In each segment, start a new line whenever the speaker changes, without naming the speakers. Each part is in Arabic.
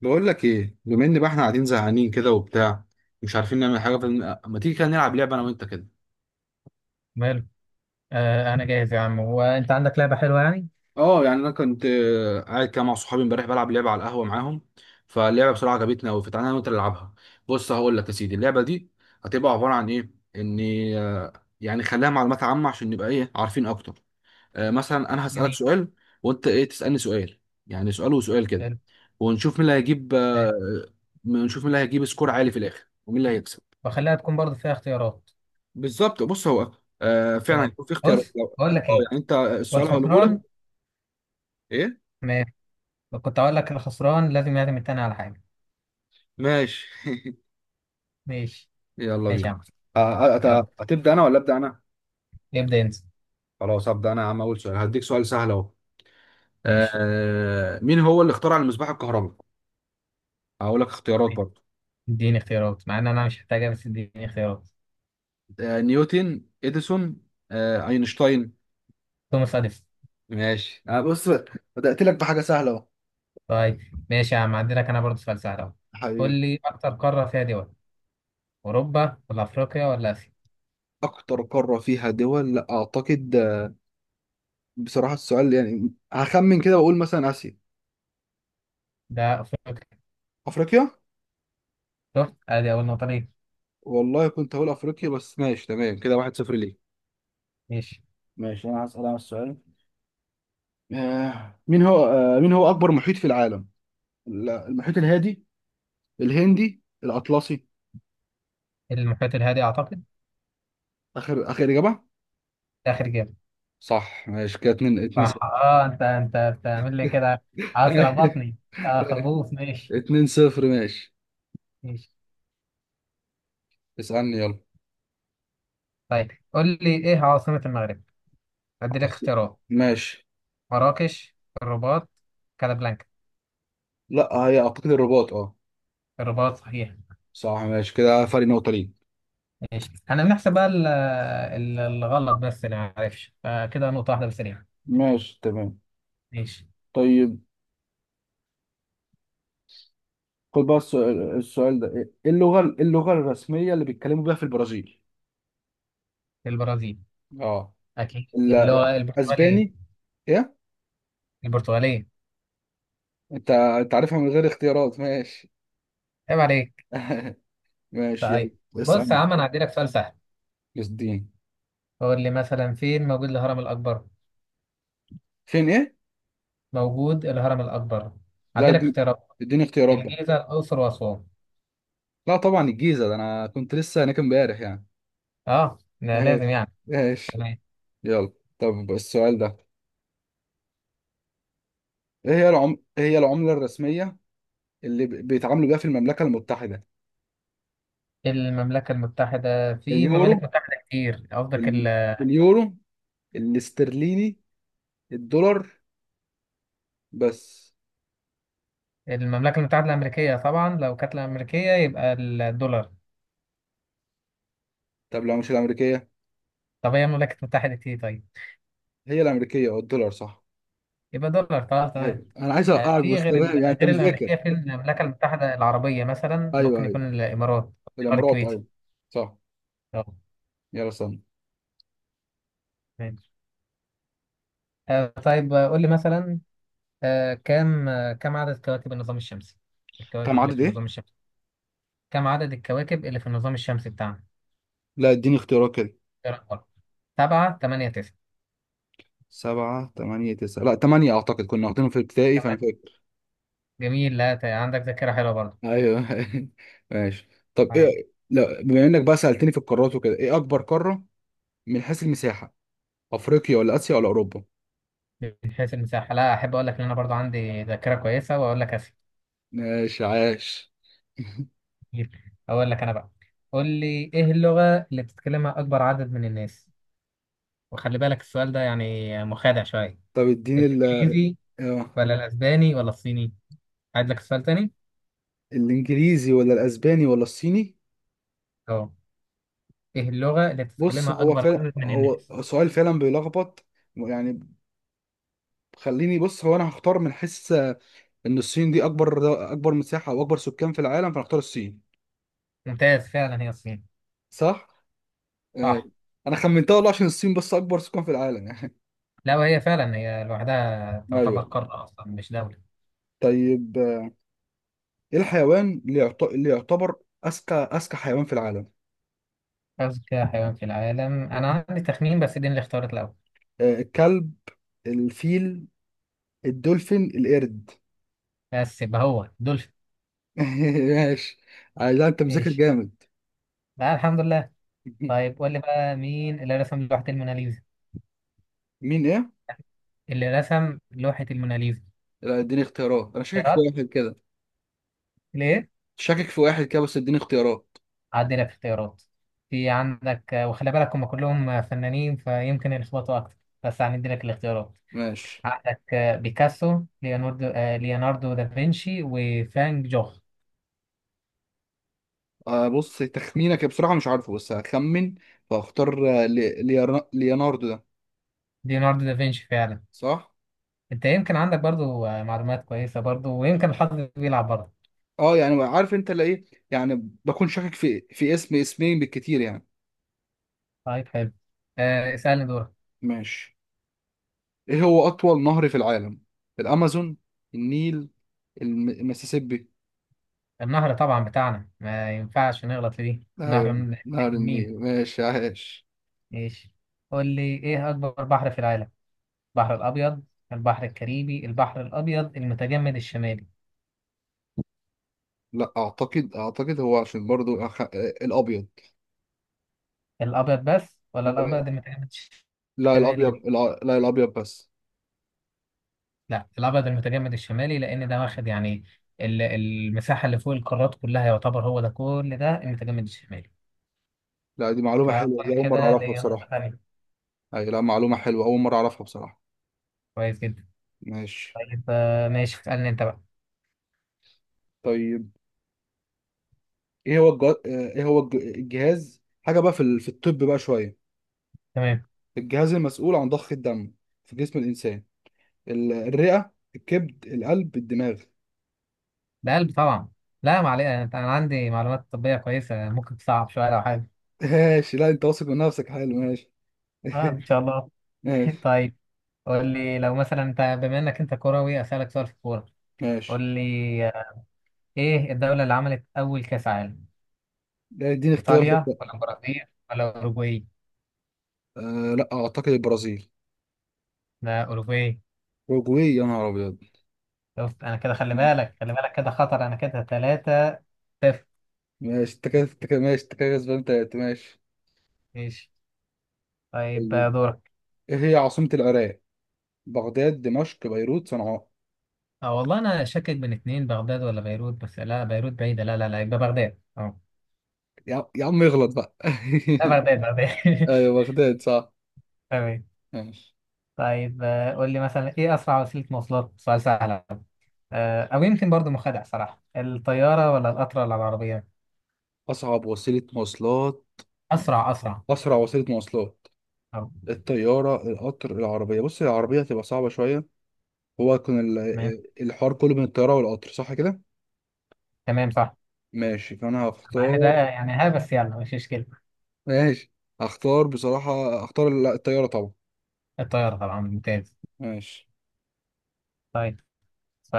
بقول لك ايه؟ بما ان بقى احنا قاعدين زهقانين كده وبتاع، مش عارفين نعمل حاجه، فما تيجي كده نلعب لعبه انا وانت كده.
ماله. آه، انا جاهز يا عم، وانت عندك لعبه حلوه يعني؟
اه يعني انا كنت قاعد كده مع صحابي امبارح بلعب لعبه على القهوه معاهم. فاللعبه بصراحه عجبتنا قوي، فتعالى انا وانت نلعبها. بص، هقول لك يا سيدي، اللعبه دي هتبقى عباره عن ايه؟ ان آه، يعني خليها معلومات عامه عشان نبقى ايه، عارفين اكتر. مثلا انا هسالك
جميل.
سؤال، وانت ايه تسالني سؤال، يعني سؤال وسؤال كده.
حلو.
ونشوف مين اللي هيجيب
حلو.
نشوف مين اللي هيجيب سكور عالي في الاخر ومين اللي هيكسب.
وخليها تكون برضه فيها اختيارات.
بالظبط. بص هو فعلا
تمام،
يكون في اختيارات،
بص بقول لك ايه.
يعني انت السؤال هقوله لك.
والخسران،
ايه.
ماشي، كنت اقول لك الخسران لازم يعزم التاني على حاجه.
ماشي.
ماشي.
يلا
ماشي يا
بينا.
عم. يلا،
هتبدا انا ولا ابدا انا؟
ابدا انت.
خلاص هبدا انا يا عم. اول سؤال هديك سؤال سهل اهو.
ماشي.
مين هو اللي اخترع المصباح الكهربي؟ هقول لك اختيارات
ماشي.
برضه.
اديني اختيارات، مع ان انا مش محتاجها، بس اديني اختيارات.
نيوتن، اديسون، اينشتاين.
توماس اديسون.
ماشي بص، بدات لك بحاجه سهله اهو.
طيب، ماشي يا عم، عندي لك انا برضه سؤال سهل اهو. قول
حبيبي.
لي اكتر قاره فيها دول: اوروبا ولا افريقيا ولا اسيا؟
اكتر قاره فيها دول؟ لا اعتقد. بصراحه السؤال يعني هخمن كده واقول مثلا اسيا.
ده افريقيا.
افريقيا!
شفت، ادي اول نقطه ليه.
والله كنت هقول افريقيا، بس ماشي تمام كده. 1-0 ليه.
ماشي.
ماشي انا هسأل انا السؤال. مين هو اكبر محيط في العالم؟ المحيط الهادي، الهندي، الاطلسي.
المحيط الهادي اعتقد.
اخر اجابه.
اخر جيم.
صح. ماشي كده، اتنين
صح.
صفر
اه، انت انت بتعمل لي كده، عاوز تلخبطني. اه، خبوص، ماشي.
2-0. ماشي،
ماشي.
اسالني يلا.
طيب قول لي ايه عاصمة المغرب؟ ادي لك
خلاص.
اختيارات.
ماشي.
مراكش، الرباط، كازابلانكا.
لا هي اعتقد الرباط، اه.
الرباط صحيح.
صح! ماشي كده، فرق نقطه ليه.
ماشي، احنا بنحسب بقى الغلط بس، اللي ما عرفش فكده نقطة واحدة بس ليها.
ماشي تمام.
ماشي.
طيب، خد بقى السؤال ده. ايه اللغة الرسمية اللي بيتكلموا بيها في البرازيل؟
البرازيل.
اه.
اكيد اللي هو البرتغالية.
الاسباني. ايه.
البرتغالية.
انت عارفها من غير اختيارات؟ ماشي.
عيب عليك.
ماشي يلا.
طيب. بص يا
اسالني.
عم، انا هدي لك سؤال سهل.
يا الدين!
قول لي مثلا فين موجود الهرم الاكبر؟
فين ايه؟
موجود الهرم الأكبر.
لا
عندك
دي.
اختيارات:
اديني اختيارات بقى.
الجيزة، الأقصر وأسوان.
لا طبعا الجيزه، ده انا كنت لسه هناك امبارح يعني.
اه، ده لازم
ماشي
يعني.
ماشي.
تمام.
يلا، طب السؤال ده. إيه هي العمله الرسميه اللي بيتعاملوا بيها في المملكه المتحده؟
المملكة المتحدة؟ في
اليورو.
ممالك متحدة كتير، قصدك
ال... اليورو الاسترليني، الدولار، بس.
المملكة المتحدة الأمريكية؟ طبعا لو كانت الأمريكية يبقى الدولار.
طب لو مش الامريكيه؟
طب هي مملكة متحدة إيه طيب؟
هي الامريكيه او الدولار، صح.
يبقى دولار خلاص، تمام.
ايوه، انا عايز اقعد
في
وسط
غير
يعني، انت
غير
مذاكر.
الأمريكية، في المملكة المتحدة العربية مثلا،
ايوه،
ممكن
ايوه،
يكون الإمارات. الإمارات،
الامارات
الكويتي.
ايوه. صح.
اه.
يلا استنى.
تمام. طيب، قول لي مثلا، كم عدد كواكب النظام الشمسي؟
كم
الكواكب اللي
عدد
في
ايه؟
النظام الشمسي، كم عدد الكواكب اللي في النظام الشمسي بتاعنا؟
لا اديني اختيارات كده.
إيه رقمها؟ سبعة، تمانية، تسعة.
سبعة، تمانية، تسعة. لا تمانية اعتقد، كنا واخدينهم في ابتدائي فانا
تمام.
فاكر.
جميل، لا ت- عندك ذاكرة حلوة برضه.
ايوه ماشي. طب
على-
ايه، لا بما انك بقى سألتني في القارات وكده، ايه اكبر قارة من حيث المساحة؟ افريقيا ولا اسيا ولا اوروبا؟
من حيث المساحة؟ لا، أحب أقول لك إن أنا برضه عندي ذاكرة كويسة وأقول لك أسئلة
ماشي عاش.
كتير. أقول لك أنا بقى، قول لي إيه اللغة اللي بتتكلمها أكبر عدد من الناس؟ وخلي بالك السؤال ده يعني مخادع شوية.
طب اديني ال.
الإنجليزي
آه،
ولا الأسباني ولا الصيني؟ عايز لك السؤال تاني؟
الانجليزي ولا الاسباني ولا الصيني؟
أه، ايه اللغة اللي
بص
بتتكلمها
هو
أكبر
فعلا
عدد من
هو
الناس؟
سؤال فعلا بيلخبط يعني. خليني، بص هو انا هختار من حيث، ان الصين دي اكبر مساحه او اكبر سكان في العالم، فهختار الصين.
ممتاز، فعلا هي الصين.
صح. آه،
صح.
انا خمنتها والله عشان الصين بس اكبر سكان في العالم يعني.
لا، وهي فعلا هي لوحدها تعتبر
ايوه.
قارة أصلا مش دولة.
طيب، ايه الحيوان اللي يعتبر اذكى حيوان في العالم؟
أذكى حيوان في العالم؟ أنا عندي تخمين، بس دي اللي اختارت الأول.
الكلب، الفيل، الدولفين، القرد.
بس يبقى هو دولفين.
ماشي. عايز، انت مذاكر
ماشي.
جامد.
لا، الحمد لله. طيب قول لي بقى، مين اللي رسم لوحة الموناليزا؟
مين ايه؟
اللي رسم لوحة الموناليزا.
لا اديني اختيارات، انا شاكك في
اختيارات
واحد كده.
ليه؟
شاكك في واحد كده، بس اديني اختيارات.
عدي لك اختيارات. في عندك، وخلي بالك هم كلهم فنانين فيمكن يلخبطوا أكتر، بس هندي لك الاختيارات.
ماشي.
عندك بيكاسو، ليوناردو دافنشي، وفان جوخ.
آه بص، تخمينك بصراحة مش عارفه بس هخمن، فاختار ليوناردو ده.
ليوناردو دافنشي فعلا.
صح؟
انت يمكن عندك برضو معلومات كويسة برضو، ويمكن الحظ بيلعب برضو.
اه يعني، عارف انت اللي ايه يعني، بكون شاكك في اسم اسمين بالكتير يعني.
طيب، حلو. اسألني دورك.
ماشي. ايه هو أطول نهر في العالم؟ الأمازون، النيل، المسيسيبي.
النهر طبعا بتاعنا، ما ينفعش نغلط في دي، نهر
ايوه
من
نهر
مين.
النيل. ماشي عاش.
ماشي. قول لي ايه اكبر بحر في العالم؟ البحر الابيض، البحر الكاريبي، البحر الابيض المتجمد الشمالي.
لا اعتقد، هو عشان برضو، أخ... آه، الابيض.
الابيض بس ولا
الأبيض.
الابيض المتجمد الشمالي؟
لا الابيض بس.
لا الابيض المتجمد الشمالي، لان ده واخد يعني المساحه اللي فوق القارات كلها، يعتبر هو ده كل ده المتجمد الشمالي.
لا دي معلومة حلوة، دي
فاظن
اول مرة
كده
اعرفها
ليا نقطه
بصراحة.
ثانيه.
اي لا، معلومة حلوة اول مرة اعرفها بصراحة.
كويس جدا.
ماشي.
طيب ماشي، اسالني انت بقى.
طيب، الجهاز، حاجه بقى، في الطب بقى شويه.
تمام.
الجهاز المسؤول عن ضخ الدم في جسم الانسان. الرئه، الكبد، القلب، الدماغ.
ده قلب طبعا. لا معلش، أنا عندي معلومات طبيه كويسه، ممكن تصعب شويه لو حاجه.
ماشي. لا انت واثق من نفسك حلو، ماشي.
اه ان شاء الله.
ماشي.
طيب، قول لي لو مثلا انت، بما انك انت كروي، اسالك سؤال في الكوره. قول
ماشي.
لي، آه، ايه الدوله اللي عملت اول كاس عالم؟
لا اديني اختيار
ايطاليا
بقى.
ولا البرازيل ولا اوروجواي؟
لا اعتقد البرازيل.
لا، اوروجواي.
اوروجواي! يا نهار ابيض.
شفت، انا كده، خلي بالك، خلي بالك، كده خطر انا كده، ثلاثة صفر.
ماشي، انت كده ماشي، انت كده كسبان تلاتة. ماشي.
ماشي. طيب
طيب،
دورك.
ايه هي عاصمة العراق؟ بغداد، دمشق، بيروت، صنعاء.
اه والله انا شاكك بين اتنين، بغداد ولا بيروت، بس لا بيروت بعيدة، لا لا لا، يبقى بغداد، اه.
يا عم اغلط بقى.
لا بغداد، بغداد.
ايوه بغداد، صح.
تمام.
ماشي.
طيب قول لي مثلا، ايه اسرع وسيلة مواصلات؟ سؤال سهل، او يمكن برضو مخادع صراحة. الطيارة ولا القطر ولا العربية؟
اصعب وسيله مواصلات.
اسرع، اسرع.
اسرع وسيله مواصلات.
اه.
الطياره، القطر، العربيه. بص العربيه هتبقى صعبه شويه. هو كان
تمام.
الحوار كله بين الطياره والقطر، صح كده.
تمام، صح.
ماشي فانا
مع
هختار.
ان ده يعني، ها، بس يلا مش مشكلة.
ماشي. هختار بصراحه، هختار الطياره طبعا.
الطيارة طبعا، ممتاز.
ماشي.
طيب،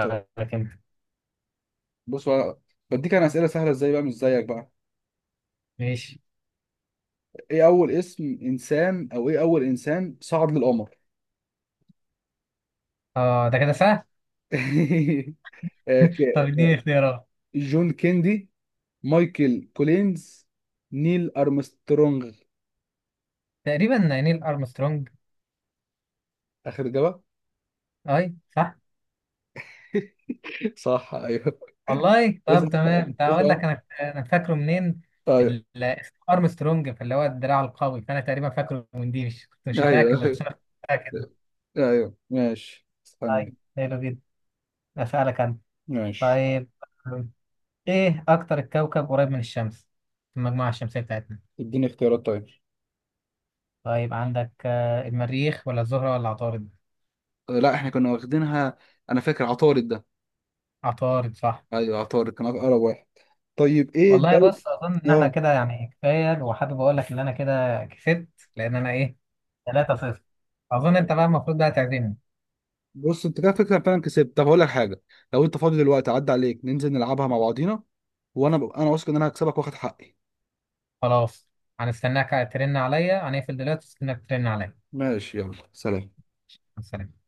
طيب،
انت.
بص بقى، بديك انا اسئله سهله ازاي بقى، مش زيك بقى.
ماشي.
ايه اول انسان صعد للقمر؟
اه ده كده سهل.
آه، ك-
طب اديني اختيارات.
جون كيندي، مايكل كولينز، نيل أرمسترونغ.
تقريبا نيل ارمسترونج.
آخر إجابة.
اي صح.
صح أيوه.
والله
إيه صح.
طب تمام، ده
إيه
اقول لك
صح.
انا انا فاكره منين.
أيوه.
اسم ارمسترونج، فاللي هو الدراع القوي، فانا تقريبا فاكره من دي، مش كنت مش متاكد،
أيوه
بس
أيوه.
انا كنت متاكد.
أيوه ماشي
طيب،
استنى.
حلو جدا. اسالك انا.
ماشي.
طيب، ايه اكتر الكوكب قريب من الشمس في المجموعه الشمسيه بتاعتنا؟
اديني اختيارات طيب.
طيب عندك المريخ ولا الزهره ولا عطارد؟
لا احنا كنا واخدينها. أنا فاكر عطارد ده.
عطارد صح.
أيوه عطارد كان أقرب واحد. طيب إيه
والله
الدولة.
بص، اظن ان احنا
اه.
كده يعني كفايه، وحابب اقول لك ان انا كده كسبت، لان انا ايه، 3-0. اظن انت بقى المفروض بقى تعزمني.
بص انت كده فكره فعلا كسبت. طب هقول لك حاجه، لو انت فاضي دلوقتي عدى عليك، ننزل نلعبها مع بعضينا. انا واثق ان انا هكسبك واخد حقي.
خلاص، هنستناك ترن عليا، هنقفل دلوقتي، استناك ترن عليا، مع
ماشي يلا، سلام.
السلامة.